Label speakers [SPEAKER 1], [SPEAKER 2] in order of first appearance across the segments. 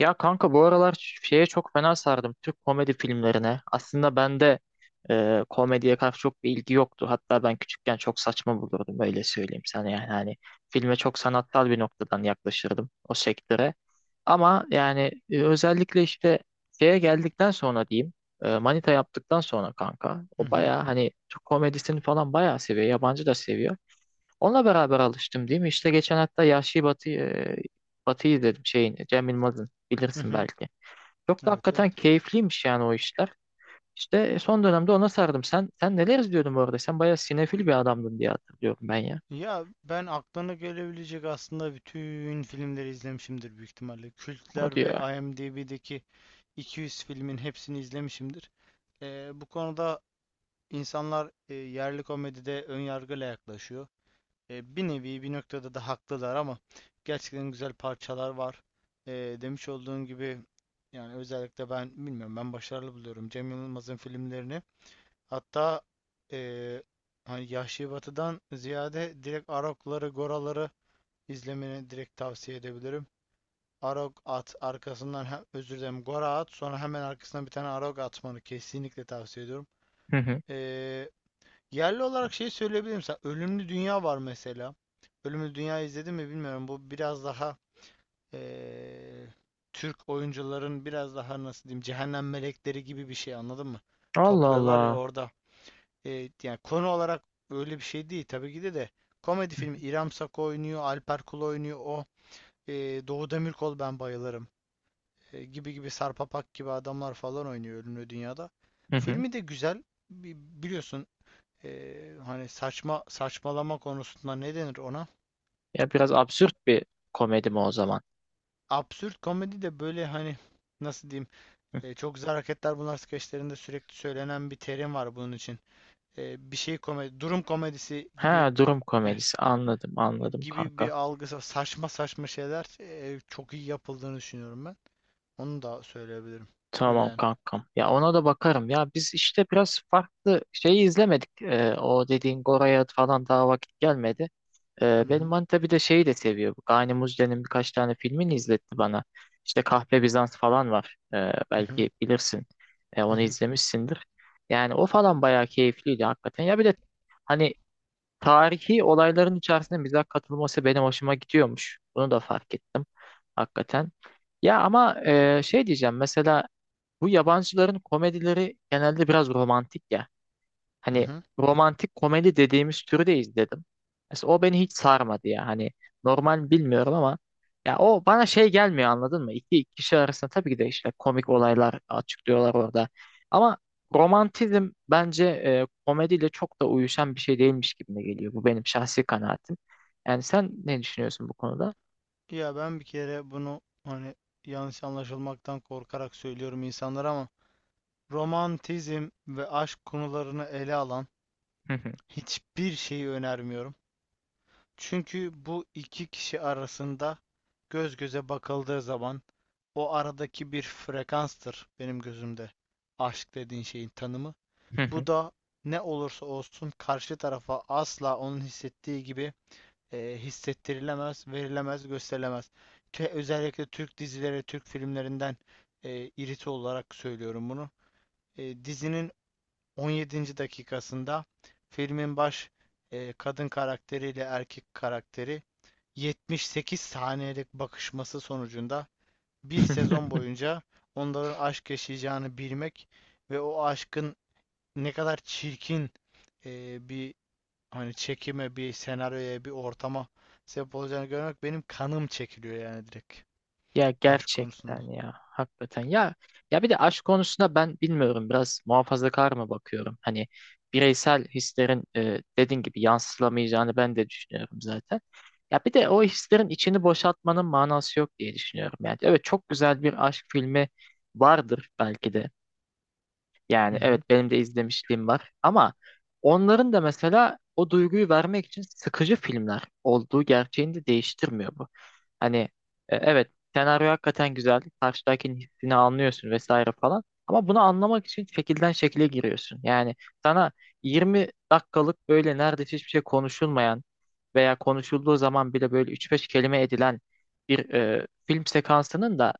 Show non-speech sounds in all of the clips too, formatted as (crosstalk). [SPEAKER 1] Ya kanka bu aralar şeye çok fena sardım Türk komedi filmlerine. Aslında bende komediye karşı çok bir ilgi yoktu. Hatta ben küçükken çok saçma bulurdum öyle söyleyeyim sana yani hani filme çok sanatsal bir noktadan yaklaşırdım o sektöre. Ama yani özellikle işte şeye geldikten sonra diyeyim, Manita yaptıktan sonra kanka
[SPEAKER 2] Hı
[SPEAKER 1] o
[SPEAKER 2] hı.
[SPEAKER 1] baya hani Türk komedisini falan bayağı seviyor, yabancı da seviyor. Onunla beraber alıştım değil mi? İşte geçen hatta Yahşi Batı, Batı'yı izledim şeyini. Cem Yılmaz'ın,
[SPEAKER 2] Hı
[SPEAKER 1] bilirsin
[SPEAKER 2] hı.
[SPEAKER 1] belki. Çok da
[SPEAKER 2] Evet, evet.
[SPEAKER 1] hakikaten keyifliymiş yani o işler. İşte, son dönemde ona sardım. Sen neler izliyordun bu arada? Sen bayağı sinefil bir adamdın diye hatırlıyorum ben ya.
[SPEAKER 2] Ya ben aklına gelebilecek aslında bütün filmleri izlemişimdir büyük ihtimalle.
[SPEAKER 1] Hadi
[SPEAKER 2] Kültler ve
[SPEAKER 1] ya.
[SPEAKER 2] IMDb'deki 200 filmin hepsini izlemişimdir. Bu konuda insanlar yerli komedide ön yargıyla yaklaşıyor. Bir nevi bir noktada da haklılar ama gerçekten güzel parçalar var. E, Demiş olduğun gibi yani özellikle ben bilmiyorum, ben başarılı buluyorum Cem Yılmaz'ın filmlerini. Hatta eee hani Yahşi Batı'dan ziyade direkt Arok'ları, Gora'ları izlemeni direkt tavsiye edebilirim. Arok at, arkasından hem, özür dilerim, Gora at, sonra hemen arkasından bir tane Arok atmanı kesinlikle tavsiye ediyorum.
[SPEAKER 1] Hı hı.
[SPEAKER 2] Eee, yerli olarak şey söyleyebilirim sana. Ölümlü Dünya var mesela. Ölümlü Dünya izledin mi bilmiyorum. Bu biraz daha eee, Türk oyuncuların biraz daha nasıl diyeyim, cehennem melekleri gibi bir şey, anladın mı?
[SPEAKER 1] Allah
[SPEAKER 2] Topluyorlar ya
[SPEAKER 1] Allah.
[SPEAKER 2] orada. Yani konu olarak öyle bir şey değil tabii ki de komedi filmi. İrem Sako oynuyor, Alper Kul oynuyor, e, Doğu Demirkol, ben bayılırım. Gibi gibi Sarpapak gibi adamlar falan oynuyor Ölümlü Dünya'da.
[SPEAKER 1] Hı hı.
[SPEAKER 2] Filmi de güzel. Biliyorsun hani saçma saçmalama konusunda ne denir ona?
[SPEAKER 1] Ya biraz absürt bir komedi mi o zaman?
[SPEAKER 2] Absürt komedi de böyle hani nasıl diyeyim, çok güzel hareketler bunlar, skeçlerinde sürekli söylenen bir terim var bunun için. E, bir şey Komedi, durum komedisi
[SPEAKER 1] Ha,
[SPEAKER 2] gibi.
[SPEAKER 1] durum
[SPEAKER 2] Heh,
[SPEAKER 1] komedisi, anladım anladım
[SPEAKER 2] gibi bir
[SPEAKER 1] kanka.
[SPEAKER 2] algısı. Saçma saçma şeyler çok iyi yapıldığını düşünüyorum ben. Onu da söyleyebilirim. Öyle
[SPEAKER 1] Tamam
[SPEAKER 2] yani.
[SPEAKER 1] kankam. Ya ona da bakarım. Ya biz işte biraz farklı şeyi izlemedik. O dediğin Gora'ya falan daha vakit gelmedi.
[SPEAKER 2] Hı
[SPEAKER 1] Benim
[SPEAKER 2] hı.
[SPEAKER 1] manita bir de şeyi de seviyor. Bu Gani Muzde'nin birkaç tane filmini izletti bana. İşte Kahpe Bizans falan var.
[SPEAKER 2] Hı hı.
[SPEAKER 1] Belki bilirsin.
[SPEAKER 2] Hı
[SPEAKER 1] Onu
[SPEAKER 2] hı.
[SPEAKER 1] izlemişsindir. Yani o falan bayağı keyifliydi hakikaten. Ya bir de hani tarihi olayların içerisinde mizah katılması benim hoşuma gidiyormuş. Bunu da fark ettim hakikaten. Ya ama şey diyeceğim, mesela bu yabancıların komedileri genelde biraz romantik ya.
[SPEAKER 2] Hı
[SPEAKER 1] Hani
[SPEAKER 2] hı.
[SPEAKER 1] romantik komedi dediğimiz türü de izledim. Mesela o beni hiç sarmadı ya. Hani normal bilmiyorum ama ya o bana şey gelmiyor, anladın mı? İki kişi arasında tabii ki de işte komik olaylar açıklıyorlar orada. Ama romantizm bence komediyle çok da uyuşan bir şey değilmiş gibime geliyor. Bu benim şahsi kanaatim. Yani sen ne düşünüyorsun bu konuda?
[SPEAKER 2] Ya ben bir kere bunu hani yanlış anlaşılmaktan korkarak söylüyorum insanlara ama romantizm ve aşk konularını ele alan hiçbir şeyi önermiyorum. Çünkü bu iki kişi arasında göz göze bakıldığı zaman o aradaki bir frekanstır benim gözümde aşk dediğin şeyin tanımı.
[SPEAKER 1] (laughs)
[SPEAKER 2] Bu da ne olursa olsun karşı tarafa asla onun hissettiği gibi hissettirilemez, verilemez, gösterilemez. Özellikle Türk dizileri, Türk filmlerinden iriti olarak söylüyorum bunu. Dizinin 17. dakikasında filmin baş kadın karakteriyle erkek karakteri 78 saniyelik bakışması sonucunda bir sezon boyunca onların aşk yaşayacağını bilmek ve o aşkın ne kadar çirkin bir hani çekime, bir senaryoya, bir ortama sebep olacağını görmek, benim kanım çekiliyor yani direkt
[SPEAKER 1] Ya
[SPEAKER 2] aşk konusunda.
[SPEAKER 1] gerçekten ya, hakikaten ya, ya bir de aşk konusunda ben bilmiyorum biraz muhafazakar mı bakıyorum, hani bireysel hislerin, dediğin gibi yansılamayacağını ben de düşünüyorum zaten. Ya bir de o hislerin içini boşaltmanın manası yok diye düşünüyorum. Yani evet, çok güzel bir aşk filmi vardır belki de,
[SPEAKER 2] Hı
[SPEAKER 1] yani evet
[SPEAKER 2] hı.
[SPEAKER 1] benim de izlemişliğim var ama onların da mesela o duyguyu vermek için sıkıcı filmler olduğu gerçeğini de değiştirmiyor bu. Hani evet senaryo hakikaten güzel, karşıdakinin hissini anlıyorsun vesaire falan, ama bunu anlamak için şekilden şekile giriyorsun. Yani sana 20 dakikalık böyle neredeyse hiçbir şey konuşulmayan veya konuşulduğu zaman bile böyle üç beş kelime edilen bir film sekansının da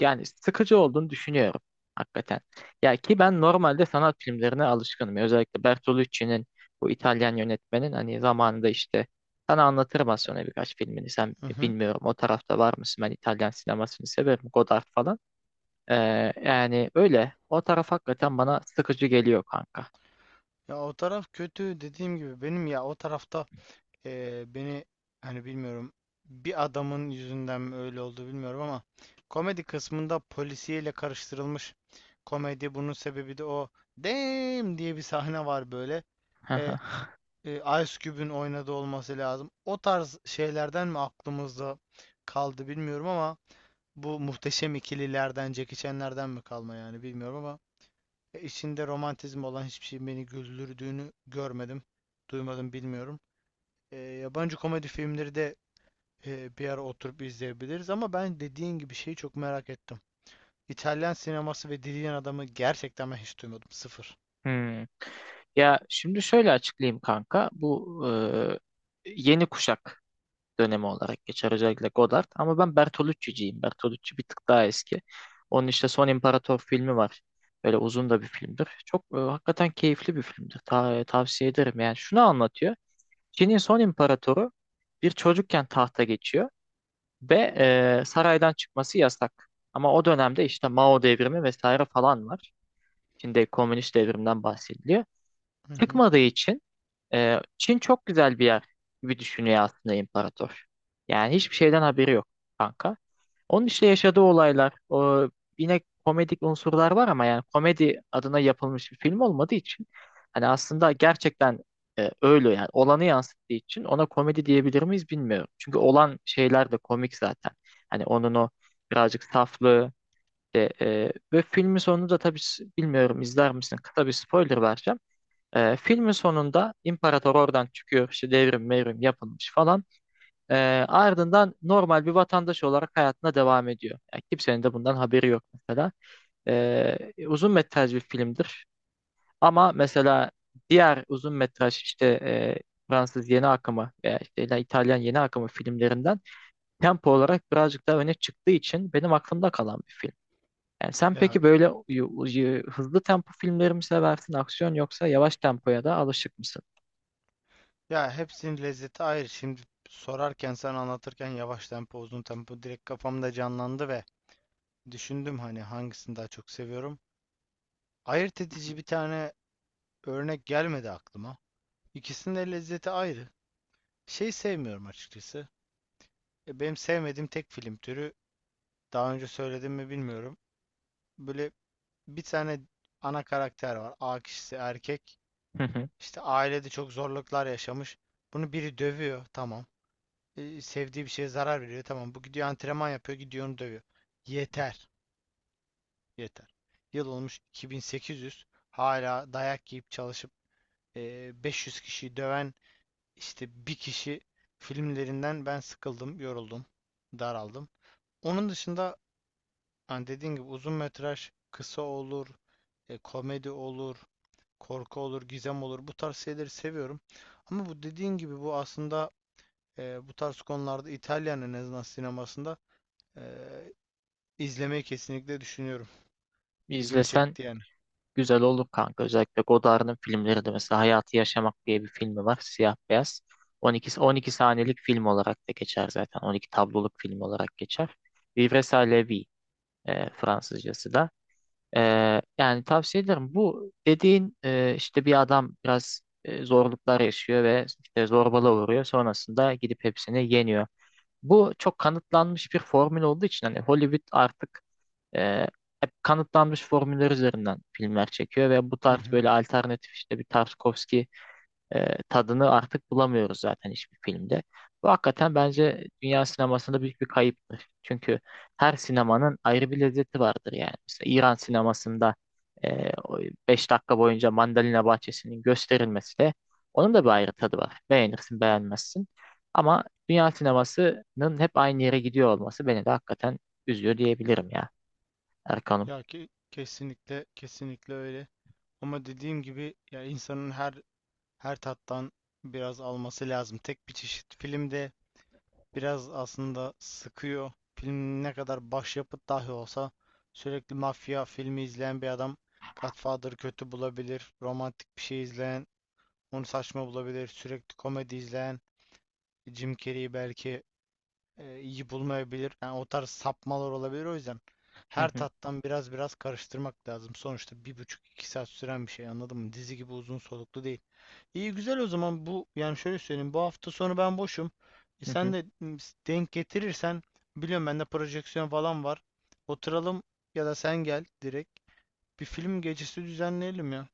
[SPEAKER 1] yani sıkıcı olduğunu düşünüyorum hakikaten. Ya ki ben normalde sanat filmlerine alışkınım. Özellikle Bertolucci'nin, bu İtalyan yönetmenin, hani zamanında işte sana anlatırım az sonra birkaç filmini. Sen
[SPEAKER 2] Hı hı.
[SPEAKER 1] bilmiyorum o tarafta var mısın? Ben İtalyan sinemasını severim. Godard falan. Ee, yani öyle. O taraf hakikaten bana sıkıcı geliyor kanka.
[SPEAKER 2] Ya o taraf kötü dediğim gibi benim. Ya o tarafta, beni hani bilmiyorum, bir adamın yüzünden mi öyle oldu bilmiyorum ama komedi kısmında polisiyle karıştırılmış komedi, bunun sebebi de o damn diye bir sahne var böyle. Eee,
[SPEAKER 1] (laughs)
[SPEAKER 2] e, Ice Cube'ün oynadığı olması lazım. O tarz şeylerden mi aklımızda kaldı bilmiyorum ama bu muhteşem ikililerden, Jackie Chan'lerden mi kalma yani bilmiyorum ama içinde romantizm olan hiçbir şey beni güldürdüğünü görmedim, duymadım, bilmiyorum. Yabancı komedi filmleri de bir ara oturup izleyebiliriz ama ben dediğin gibi şeyi çok merak ettim. İtalyan sineması ve Dilyen Adamı, gerçekten ben hiç duymadım. Sıfır.
[SPEAKER 1] Hmm. Ya şimdi şöyle açıklayayım kanka. Bu yeni kuşak dönemi olarak geçer özellikle Godard. Ama ben Bertolucci'ciyim. Bertolucci bir tık daha eski. Onun işte Son İmparator filmi var. Böyle uzun da bir filmdir. Çok hakikaten keyifli bir filmdir. Tavsiye ederim. Yani şunu anlatıyor. Çin'in son imparatoru bir çocukken tahta geçiyor ve saraydan çıkması yasak. Ama o dönemde işte Mao devrimi vesaire falan var. Çin'de komünist devrimden bahsediliyor.
[SPEAKER 2] Hı hı.
[SPEAKER 1] Çıkmadığı için Çin çok güzel bir yer gibi düşünüyor aslında imparator. Yani hiçbir şeyden haberi yok kanka. Onun işte yaşadığı olaylar, o yine komedik unsurlar var ama yani komedi adına yapılmış bir film olmadığı için hani aslında gerçekten öyle yani olanı yansıttığı için ona komedi diyebilir miyiz bilmiyorum. Çünkü olan şeyler de komik zaten. Hani onun o birazcık saflığı de, ve filmin sonunu da tabii bilmiyorum izler misin? Kısa bir spoiler vereceğim. Filmin sonunda imparator oradan çıkıyor işte devrim mevrim yapılmış falan. Ee, ardından normal bir vatandaş olarak hayatına devam ediyor. Yani kimsenin de bundan haberi yok mesela. Ee, uzun metraj bir filmdir. Ama mesela diğer uzun metraj işte Fransız yeni akımı veya işte İtalyan yeni akımı filmlerinden tempo olarak birazcık daha öne çıktığı için benim aklımda kalan bir film. Yani sen
[SPEAKER 2] Ya
[SPEAKER 1] peki böyle hızlı tempo filmleri mi seversin, aksiyon, yoksa yavaş tempoya da alışık mısın?
[SPEAKER 2] Ya hepsinin lezzeti ayrı. Şimdi sorarken, sen anlatırken yavaş tempo uzun tempo direkt kafamda canlandı ve düşündüm hani hangisini daha çok seviyorum. Ayırt edici bir tane örnek gelmedi aklıma. İkisinin de lezzeti ayrı. Şey sevmiyorum açıkçası. Benim sevmediğim tek film türü, daha önce söyledim mi bilmiyorum. Böyle bir tane ana karakter var. A kişisi erkek.
[SPEAKER 1] (laughs)
[SPEAKER 2] İşte ailede çok zorluklar yaşamış. Bunu biri dövüyor. Tamam. Sevdiği bir şeye zarar veriyor. Tamam, bu gidiyor antrenman yapıyor, gidiyor onu dövüyor. Yeter. Yeter. Yıl olmuş 2800, hala dayak yiyip çalışıp 500 kişiyi döven işte bir kişi filmlerinden ben sıkıldım, yoruldum, daraldım. Onun dışında hani dediğin gibi uzun metraj kısa olur, komedi olur, korku olur, gizem olur. Bu tarz şeyleri seviyorum. Ama bu dediğin gibi, bu aslında bu tarz konularda İtalyan en azından sinemasında e, İzlemeyi kesinlikle düşünüyorum.
[SPEAKER 1] Bir
[SPEAKER 2] İlgimi
[SPEAKER 1] izlesen
[SPEAKER 2] çekti yani.
[SPEAKER 1] güzel olur kanka. Özellikle Godard'ın filmleri de, mesela Hayatı Yaşamak diye bir filmi var. Siyah beyaz. 12 saniyelik film olarak da geçer zaten. 12 tabloluk film olarak geçer. Vivre sa la vie, Fransızcası da. E, yani tavsiye ederim. Bu dediğin işte bir adam biraz zorluklar yaşıyor ve işte zorbalığa uğruyor. Sonrasında gidip hepsini yeniyor. Bu çok kanıtlanmış bir formül olduğu için hani Hollywood artık e, hep kanıtlanmış formüller üzerinden filmler çekiyor ve bu
[SPEAKER 2] Hı
[SPEAKER 1] tarz
[SPEAKER 2] hı.
[SPEAKER 1] böyle alternatif, işte bir Tarkovski tadını artık bulamıyoruz zaten hiçbir filmde. Bu hakikaten bence dünya sinemasında büyük bir kayıptır. Çünkü her sinemanın ayrı bir lezzeti vardır yani. Mesela İran sinemasında 5 dakika boyunca mandalina bahçesinin gösterilmesi de, onun da bir ayrı tadı var. Beğenirsin, beğenmezsin. Ama dünya sinemasının hep aynı yere gidiyor olması beni de hakikaten üzüyor diyebilirim ya. Erkan'ım.
[SPEAKER 2] Ya ki kesinlikle, kesinlikle öyle. Ama dediğim gibi ya insanın her her tattan biraz alması lazım. Tek bir çeşit filmde biraz aslında sıkıyor. Film ne kadar başyapıt dahi olsa sürekli mafya filmi izleyen bir adam Godfather'ı kötü bulabilir. Romantik bir şey izleyen onu saçma bulabilir. Sürekli komedi izleyen Jim Carrey'i belki iyi bulmayabilir. Yani o tarz sapmalar olabilir, o yüzden.
[SPEAKER 1] Hı
[SPEAKER 2] Her
[SPEAKER 1] hı,
[SPEAKER 2] tattan biraz karıştırmak lazım. Sonuçta bir buçuk iki saat süren bir şey, anladın mı? Dizi gibi uzun soluklu değil. İyi, güzel o zaman. Bu yani şöyle söyleyeyim, bu hafta sonu ben boşum. E,
[SPEAKER 1] hı
[SPEAKER 2] sen
[SPEAKER 1] hı.
[SPEAKER 2] de m, Denk getirirsen, biliyorum bende projeksiyon falan var. Oturalım, ya da sen gel direkt, bir film gecesi düzenleyelim ya.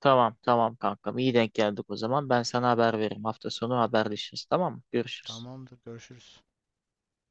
[SPEAKER 1] Tamam tamam kankam. İyi denk geldik o zaman. Ben sana haber veririm. Hafta sonu haberleşiriz, tamam mı? Görüşürüz.
[SPEAKER 2] Tamamdır, görüşürüz.